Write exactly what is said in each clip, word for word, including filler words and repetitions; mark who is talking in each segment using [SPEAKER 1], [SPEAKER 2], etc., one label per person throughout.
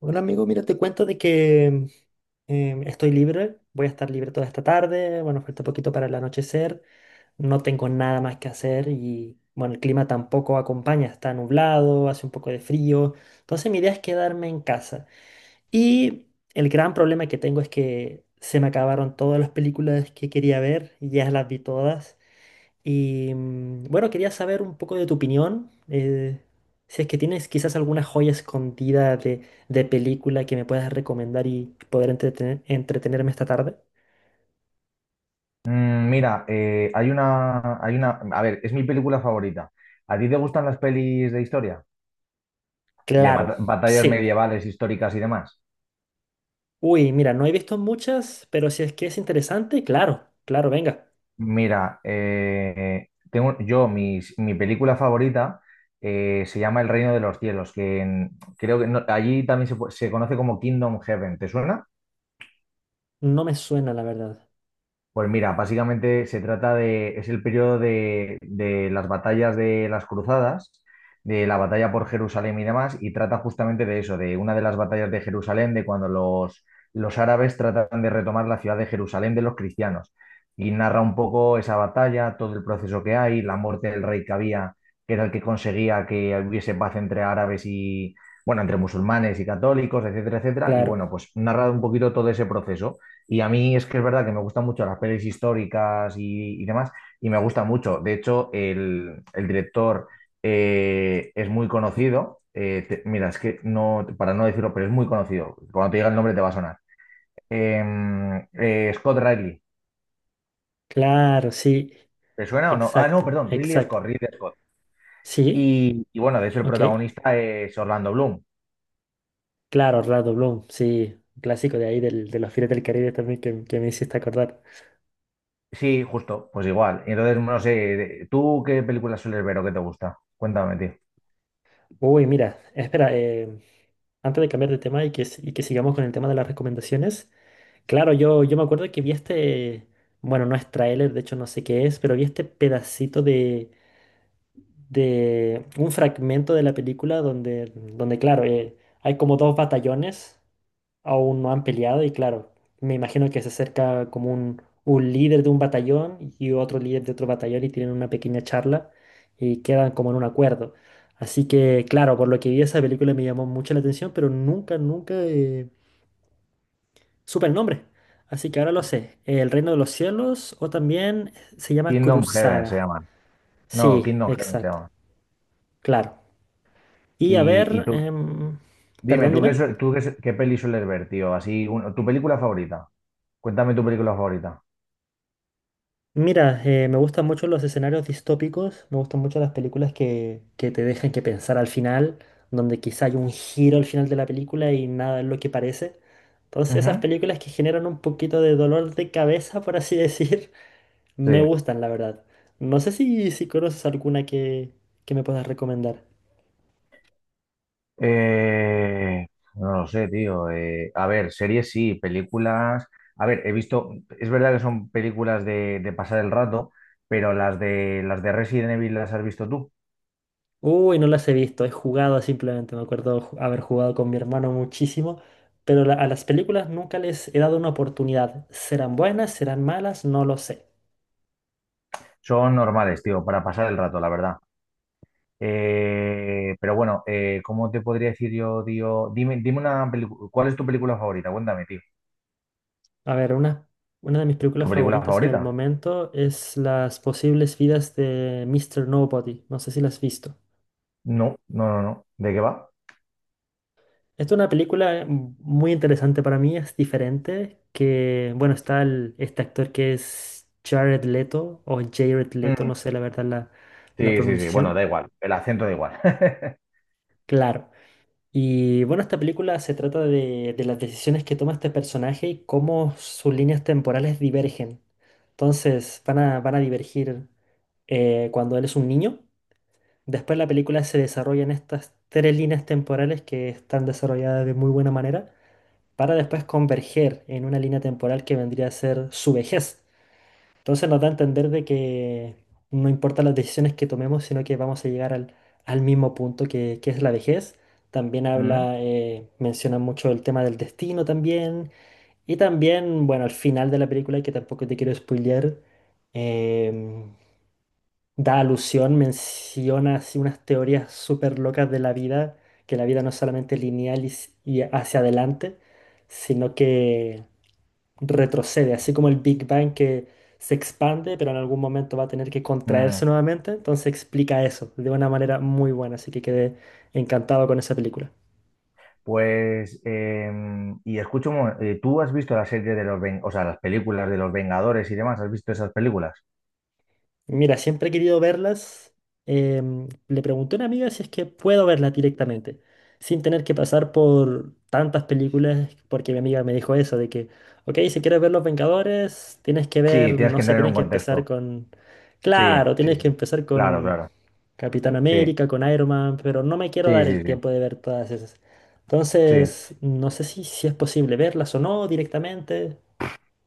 [SPEAKER 1] Bueno, amigo, mira, te cuento de que em, estoy libre, voy a estar libre toda esta tarde, bueno, falta poquito para el anochecer, no tengo nada más que hacer y, bueno, el clima tampoco acompaña, está nublado, hace un poco de frío, entonces mi idea es quedarme en casa. Y el gran problema que tengo es que se me acabaron todas las películas que quería ver, y ya las vi todas. Y mm, bueno, quería saber un poco de tu opinión. Eh, si es que tienes quizás alguna joya escondida de, de película que me puedas recomendar y poder entretener- entretenerme esta tarde.
[SPEAKER 2] Mm, Mira, eh, hay una, hay una, a ver, es mi película favorita. ¿A ti te gustan las pelis de historia? De
[SPEAKER 1] Claro,
[SPEAKER 2] mata- batallas
[SPEAKER 1] sí.
[SPEAKER 2] medievales, históricas y demás.
[SPEAKER 1] Uy, mira, no he visto muchas, pero si es que es interesante, claro, claro, venga.
[SPEAKER 2] Mira, eh, tengo yo, mis- mi película favorita, eh, se llama El Reino de los Cielos, que en- creo que no- allí también se, pu- se conoce como Kingdom Heaven. ¿Te suena?
[SPEAKER 1] No me suena, la verdad.
[SPEAKER 2] Pues mira, básicamente se trata de, es el periodo de, de las batallas de las cruzadas, de la batalla por Jerusalén y demás, y trata justamente de eso, de una de las batallas de Jerusalén, de cuando los, los árabes tratan de retomar la ciudad de Jerusalén de los cristianos. Y narra un poco esa batalla, todo el proceso que hay, la muerte del rey que había, que era el que conseguía que hubiese paz entre árabes y, bueno, entre musulmanes y católicos, etcétera, etcétera. Y
[SPEAKER 1] Claro,
[SPEAKER 2] bueno, pues narra un poquito todo ese proceso. Y a mí es que es verdad que me gustan mucho las pelis históricas y, y demás, y me gusta mucho. De hecho, el, el director eh, es muy conocido. Eh, te- mira, es que no, para no decirlo, pero es muy conocido. Cuando te diga el nombre te va a sonar. Em, eh, Scott Riley.
[SPEAKER 1] claro, sí,
[SPEAKER 2] ¿Te suena o no? Ah, no,
[SPEAKER 1] exacto,
[SPEAKER 2] perdón, Ridley
[SPEAKER 1] exacto.
[SPEAKER 2] Scott, Ridley Scott.
[SPEAKER 1] Sí,
[SPEAKER 2] Y, y bueno, de hecho el
[SPEAKER 1] ok.
[SPEAKER 2] protagonista es Orlando Bloom.
[SPEAKER 1] Claro, Orlando Bloom, sí, un clásico de ahí del, de los Piratas del Caribe también que, que me hiciste acordar.
[SPEAKER 2] Sí, justo, pues igual. Y entonces, no sé, ¿tú qué películas sueles ver o qué te gusta? Cuéntame, tío.
[SPEAKER 1] Uy, mira, espera, eh, antes de cambiar de tema y que, s- y que sigamos con el tema de las recomendaciones, claro, yo, yo me acuerdo que vi este, bueno, no es tráiler, de hecho no sé qué es, pero vi este pedacito de, de un fragmento de la película donde, donde claro, eh, hay como dos batallones aún no han peleado y claro, me imagino que se acerca como un, un líder de un batallón y otro líder de otro batallón y tienen una pequeña charla y quedan como en un acuerdo. Así que claro, por lo que vi esa película me llamó mucho la atención, pero nunca, nunca eh, supe el nombre. Así que ahora lo sé, El Reino de los Cielos o también se llama
[SPEAKER 2] Kingdom Heaven se
[SPEAKER 1] Cruzada.
[SPEAKER 2] llaman. No,
[SPEAKER 1] Sí,
[SPEAKER 2] Kingdom Heaven se
[SPEAKER 1] exacto,
[SPEAKER 2] llaman.
[SPEAKER 1] claro. Y a
[SPEAKER 2] Y, y
[SPEAKER 1] ver,
[SPEAKER 2] tú,
[SPEAKER 1] em,
[SPEAKER 2] dime,
[SPEAKER 1] perdón,
[SPEAKER 2] ¿tú qué,
[SPEAKER 1] dime.
[SPEAKER 2] su- tú qué, su- qué peli sueles ver, tío? Así, un- tu película favorita. Cuéntame tu película favorita.
[SPEAKER 1] Mira, eh, me gustan mucho los escenarios distópicos, me gustan mucho las películas que, que te dejan que pensar al final, donde quizá hay un giro al final de la película y nada es lo que parece. Entonces
[SPEAKER 2] Ujú.
[SPEAKER 1] esas películas que generan un poquito de dolor de cabeza, por así decir,
[SPEAKER 2] Sí.
[SPEAKER 1] me gustan, la verdad. No sé si, si conoces alguna que, que me puedas recomendar.
[SPEAKER 2] Eh, no lo sé, tío. Eh, a ver, series sí, películas. A ver, he visto, es verdad que son películas de, de pasar el rato, pero las de las de Resident Evil las has visto tú.
[SPEAKER 1] Uy, no las he visto, he jugado simplemente, me acuerdo ju- haber jugado con mi hermano muchísimo, pero la- a las películas nunca les he dado una oportunidad. ¿Serán buenas? ¿Serán malas? No lo sé.
[SPEAKER 2] Son normales, tío, para pasar el rato, la verdad. Eh, pero bueno, eh, ¿cómo te podría decir yo, tío? Dime, dime una película. ¿Cuál es tu película favorita? Cuéntame, tío.
[SPEAKER 1] A ver, una, una de mis
[SPEAKER 2] ¿Tu
[SPEAKER 1] películas
[SPEAKER 2] película
[SPEAKER 1] favoritas en el
[SPEAKER 2] favorita?
[SPEAKER 1] momento es Las posibles vidas de míster Nobody. No sé si la has visto.
[SPEAKER 2] No, no, no, no. ¿De qué va?
[SPEAKER 1] Esta es una película eh, muy interesante para mí, es diferente, que, bueno, está el- este actor que es Jared Leto, o Jared Leto,
[SPEAKER 2] Mm.
[SPEAKER 1] no sé la verdad la, la
[SPEAKER 2] Sí, sí, sí. Bueno,
[SPEAKER 1] pronunciación.
[SPEAKER 2] da igual. El acento da igual.
[SPEAKER 1] Claro. Y bueno, esta película se trata de, de las decisiones que toma este personaje y cómo sus líneas temporales divergen. Entonces van a, van a divergir eh, cuando él es un niño. Después la película se desarrolla en estas tres líneas temporales que están desarrolladas de muy buena manera, para después converger en una línea temporal que vendría a ser su vejez. Entonces nos da a entender de que no importa las decisiones que tomemos, sino que vamos a llegar al, al mismo punto que, que es la vejez. También
[SPEAKER 2] Mm,
[SPEAKER 1] habla, eh, menciona mucho el tema del destino también. Y también, bueno, al final de la película, que tampoco te quiero spoilear, em, da alusión, menciona así unas teorías súper locas de la vida, que la vida no es solamente lineal y s- y hacia adelante, sino que retrocede, así como el Big Bang que se expande, pero en algún momento va a tener que
[SPEAKER 2] mm.
[SPEAKER 1] contraerse nuevamente. Entonces explica eso de una manera muy buena, así que quedé encantado con esa película.
[SPEAKER 2] Pues, em, y escucho, un mo- eh, ¿tú has visto la serie de los, Ven- o sea, las películas de los Vengadores y demás? ¿Has visto esas películas?
[SPEAKER 1] Mira, siempre he querido verlas. Em, le pregunté a una amiga si es que puedo verlas directamente, sin tener que pasar por tantas películas, porque mi amiga me dijo eso, de que, ok, si quieres ver Los Vengadores, tienes que
[SPEAKER 2] Sí,
[SPEAKER 1] ver,
[SPEAKER 2] tienes
[SPEAKER 1] no
[SPEAKER 2] que
[SPEAKER 1] sé,
[SPEAKER 2] entrar en
[SPEAKER 1] tienes
[SPEAKER 2] un
[SPEAKER 1] que empezar
[SPEAKER 2] contexto.
[SPEAKER 1] con,
[SPEAKER 2] Sí,
[SPEAKER 1] claro,
[SPEAKER 2] sí,
[SPEAKER 1] tienes que
[SPEAKER 2] sí.
[SPEAKER 1] empezar
[SPEAKER 2] Claro,
[SPEAKER 1] con
[SPEAKER 2] claro.
[SPEAKER 1] Capitán
[SPEAKER 2] Sí,
[SPEAKER 1] América, con Iron Man, pero no me quiero
[SPEAKER 2] sí,
[SPEAKER 1] dar el
[SPEAKER 2] sí, sí.
[SPEAKER 1] tiempo de ver todas esas.
[SPEAKER 2] Sí.
[SPEAKER 1] Entonces, no sé si, si es posible verlas o no directamente.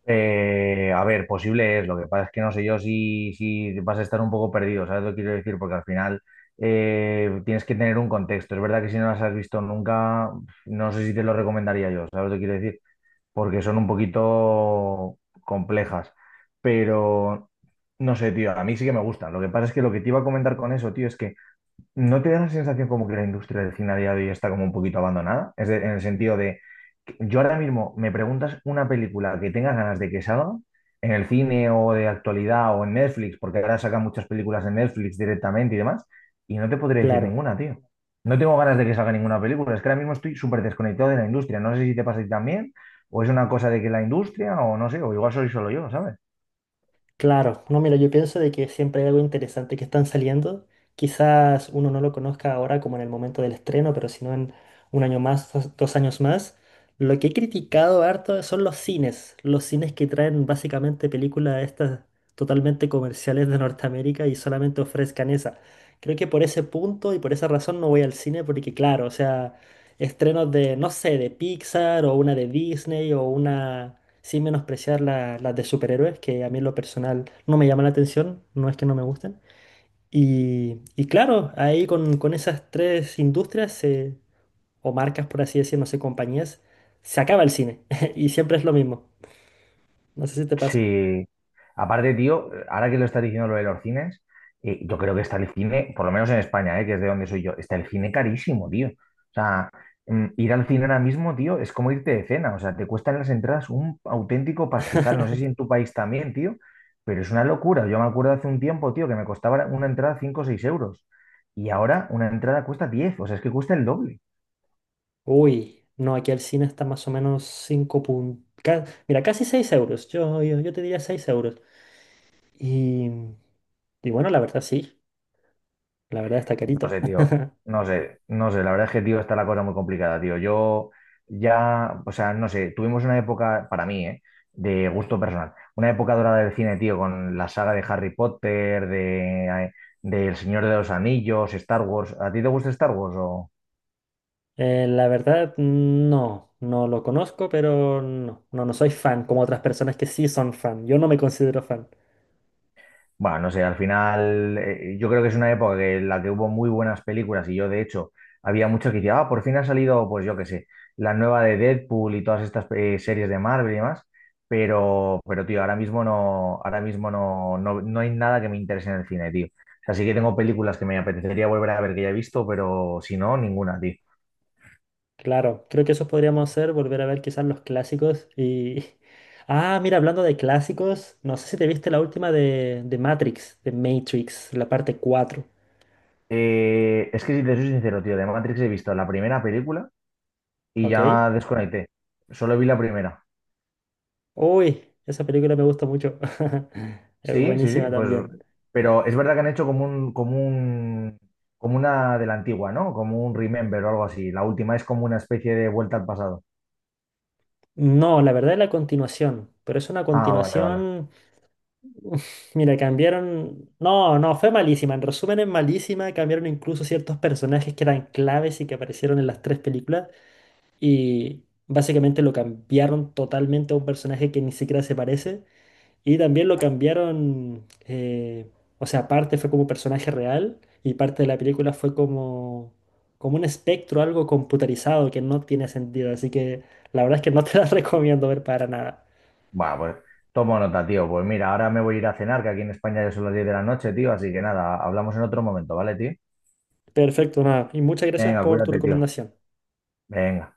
[SPEAKER 2] Eh, a ver, posible es. Lo que pasa es que no sé yo si, si vas a estar un poco perdido, ¿sabes lo que quiero decir? Porque al final eh, tienes que tener un contexto. Es verdad que si no las has visto nunca, no sé si te lo recomendaría yo, ¿sabes lo que quiero decir? Porque son un poquito complejas. Pero no sé, tío, a mí sí que me gusta. Lo que pasa es que lo que te iba a comentar con eso, tío, es que ¿no te da la sensación como que la industria del cine a día de hoy está como un poquito abandonada? Es de- en el sentido de, que yo ahora mismo me preguntas una película que tengas ganas de que salga en el cine o de actualidad o en Netflix, porque ahora sacan muchas películas en Netflix directamente y demás, y no te podría decir
[SPEAKER 1] Claro.
[SPEAKER 2] ninguna, tío. No tengo ganas de que salga ninguna película, es que ahora mismo estoy súper desconectado de la industria, no sé si te pasa a ti también, o es una cosa de que la industria, o no sé, o igual soy solo yo, ¿sabes?
[SPEAKER 1] Claro, no, mira, yo pienso de que siempre hay algo interesante que están saliendo. Quizás uno no lo conozca ahora como en el momento del estreno, pero si no en un año más, dos, dos años más. Lo que he criticado harto son los cines, los cines que traen básicamente películas estas totalmente comerciales de Norteamérica y solamente ofrezcan esa. Creo que por ese punto y por esa razón no voy al cine porque claro, o sea, estrenos de, no sé, de Pixar o una de Disney o una sin menospreciar la- las de superhéroes, que a mí en lo personal no me llama la atención, no es que no me gusten. Y, y claro, ahí con, con esas tres industrias se- o marcas, por así decir, no sé, compañías, se acaba el cine y siempre es lo mismo. No sé si te pasa.
[SPEAKER 2] Sí. Aparte, tío, ahora que lo está diciendo lo de los cines, eh, yo creo que está el cine, por lo menos en España, eh, que es de donde soy yo, está el cine carísimo, tío. O sea, mm, ir al cine ahora mismo, tío, es como irte de cena. O sea, te cuestan las entradas un auténtico pastizal. No sé si en tu país también, tío, pero es una locura. Yo me acuerdo hace un tiempo, tío, que me costaba una entrada cinco o seis euros. Y ahora una entrada cuesta diez. O sea, es que cuesta el doble.
[SPEAKER 1] Uy, no, aquí el cine está más o menos cinco puntos. Mira, casi seis euros. Yo, yo, yo te diría seis euros. Y, y bueno, la verdad sí, la verdad está
[SPEAKER 2] No
[SPEAKER 1] carito.
[SPEAKER 2] sé, tío. No sé, no sé. La verdad es que, tío, está la cosa muy complicada, tío. Yo ya, o sea, no sé, tuvimos una época, para mí, ¿eh? De gusto personal. Una época dorada del cine, tío, con la saga de Harry Potter, de, de El Señor de los Anillos, Star Wars. ¿A ti te gusta Star Wars o?
[SPEAKER 1] Eh, la verdad, no, no lo conozco, pero no, no, no soy fan, como otras personas que sí son fan. Yo no me considero fan.
[SPEAKER 2] Bueno, no sé, al final eh, yo creo que es una época que, en la que hubo muy buenas películas y yo de hecho había mucho que decía, ah, por fin ha salido, pues yo qué sé, la nueva de Deadpool y todas estas eh, series de Marvel y demás, pero, pero tío, ahora mismo no, ahora mismo no, no, no hay nada que me interese en el cine, tío. O sea, sí que tengo películas que me apetecería volver a ver que ya he visto, pero si no, ninguna, tío.
[SPEAKER 1] Claro, creo que eso podríamos hacer, volver a ver quizás los clásicos y... Ah, mira, hablando de clásicos, no sé si te viste la última de, de Matrix, de Matrix, la parte cuatro.
[SPEAKER 2] Eh, es que si te soy sincero, tío, de Matrix he visto la primera película y
[SPEAKER 1] ¿Ok?
[SPEAKER 2] ya desconecté. Solo vi la primera.
[SPEAKER 1] Uy, esa película me gusta mucho. Es
[SPEAKER 2] Sí, sí, sí,
[SPEAKER 1] buenísima
[SPEAKER 2] pues,
[SPEAKER 1] también.
[SPEAKER 2] pero es verdad que han hecho como un, como un, como una de la antigua, ¿no? Como un remember o algo así. La última es como una especie de vuelta al pasado.
[SPEAKER 1] No, la verdad es la continuación, pero es una
[SPEAKER 2] Ah, vale, vale.
[SPEAKER 1] continuación. Uf, mira, cambiaron. No, no, fue malísima. En resumen, es malísima. Cambiaron incluso ciertos personajes que eran claves y que aparecieron en las tres películas. Y básicamente lo cambiaron totalmente a un personaje que ni siquiera se parece. Y también lo cambiaron. Eh, o sea, parte fue como personaje real y parte de la película fue como, como un espectro, algo computarizado que no tiene sentido. Así que la verdad es que no te la recomiendo ver para nada.
[SPEAKER 2] Bueno, pues tomo nota, tío. Pues mira, ahora me voy a ir a cenar, que aquí en España ya son las diez de la noche, tío. Así que nada, hablamos en otro momento, ¿vale, tío?
[SPEAKER 1] Perfecto, nada. Y muchas gracias
[SPEAKER 2] Venga,
[SPEAKER 1] por tu
[SPEAKER 2] cuídate, tío.
[SPEAKER 1] recomendación.
[SPEAKER 2] Venga.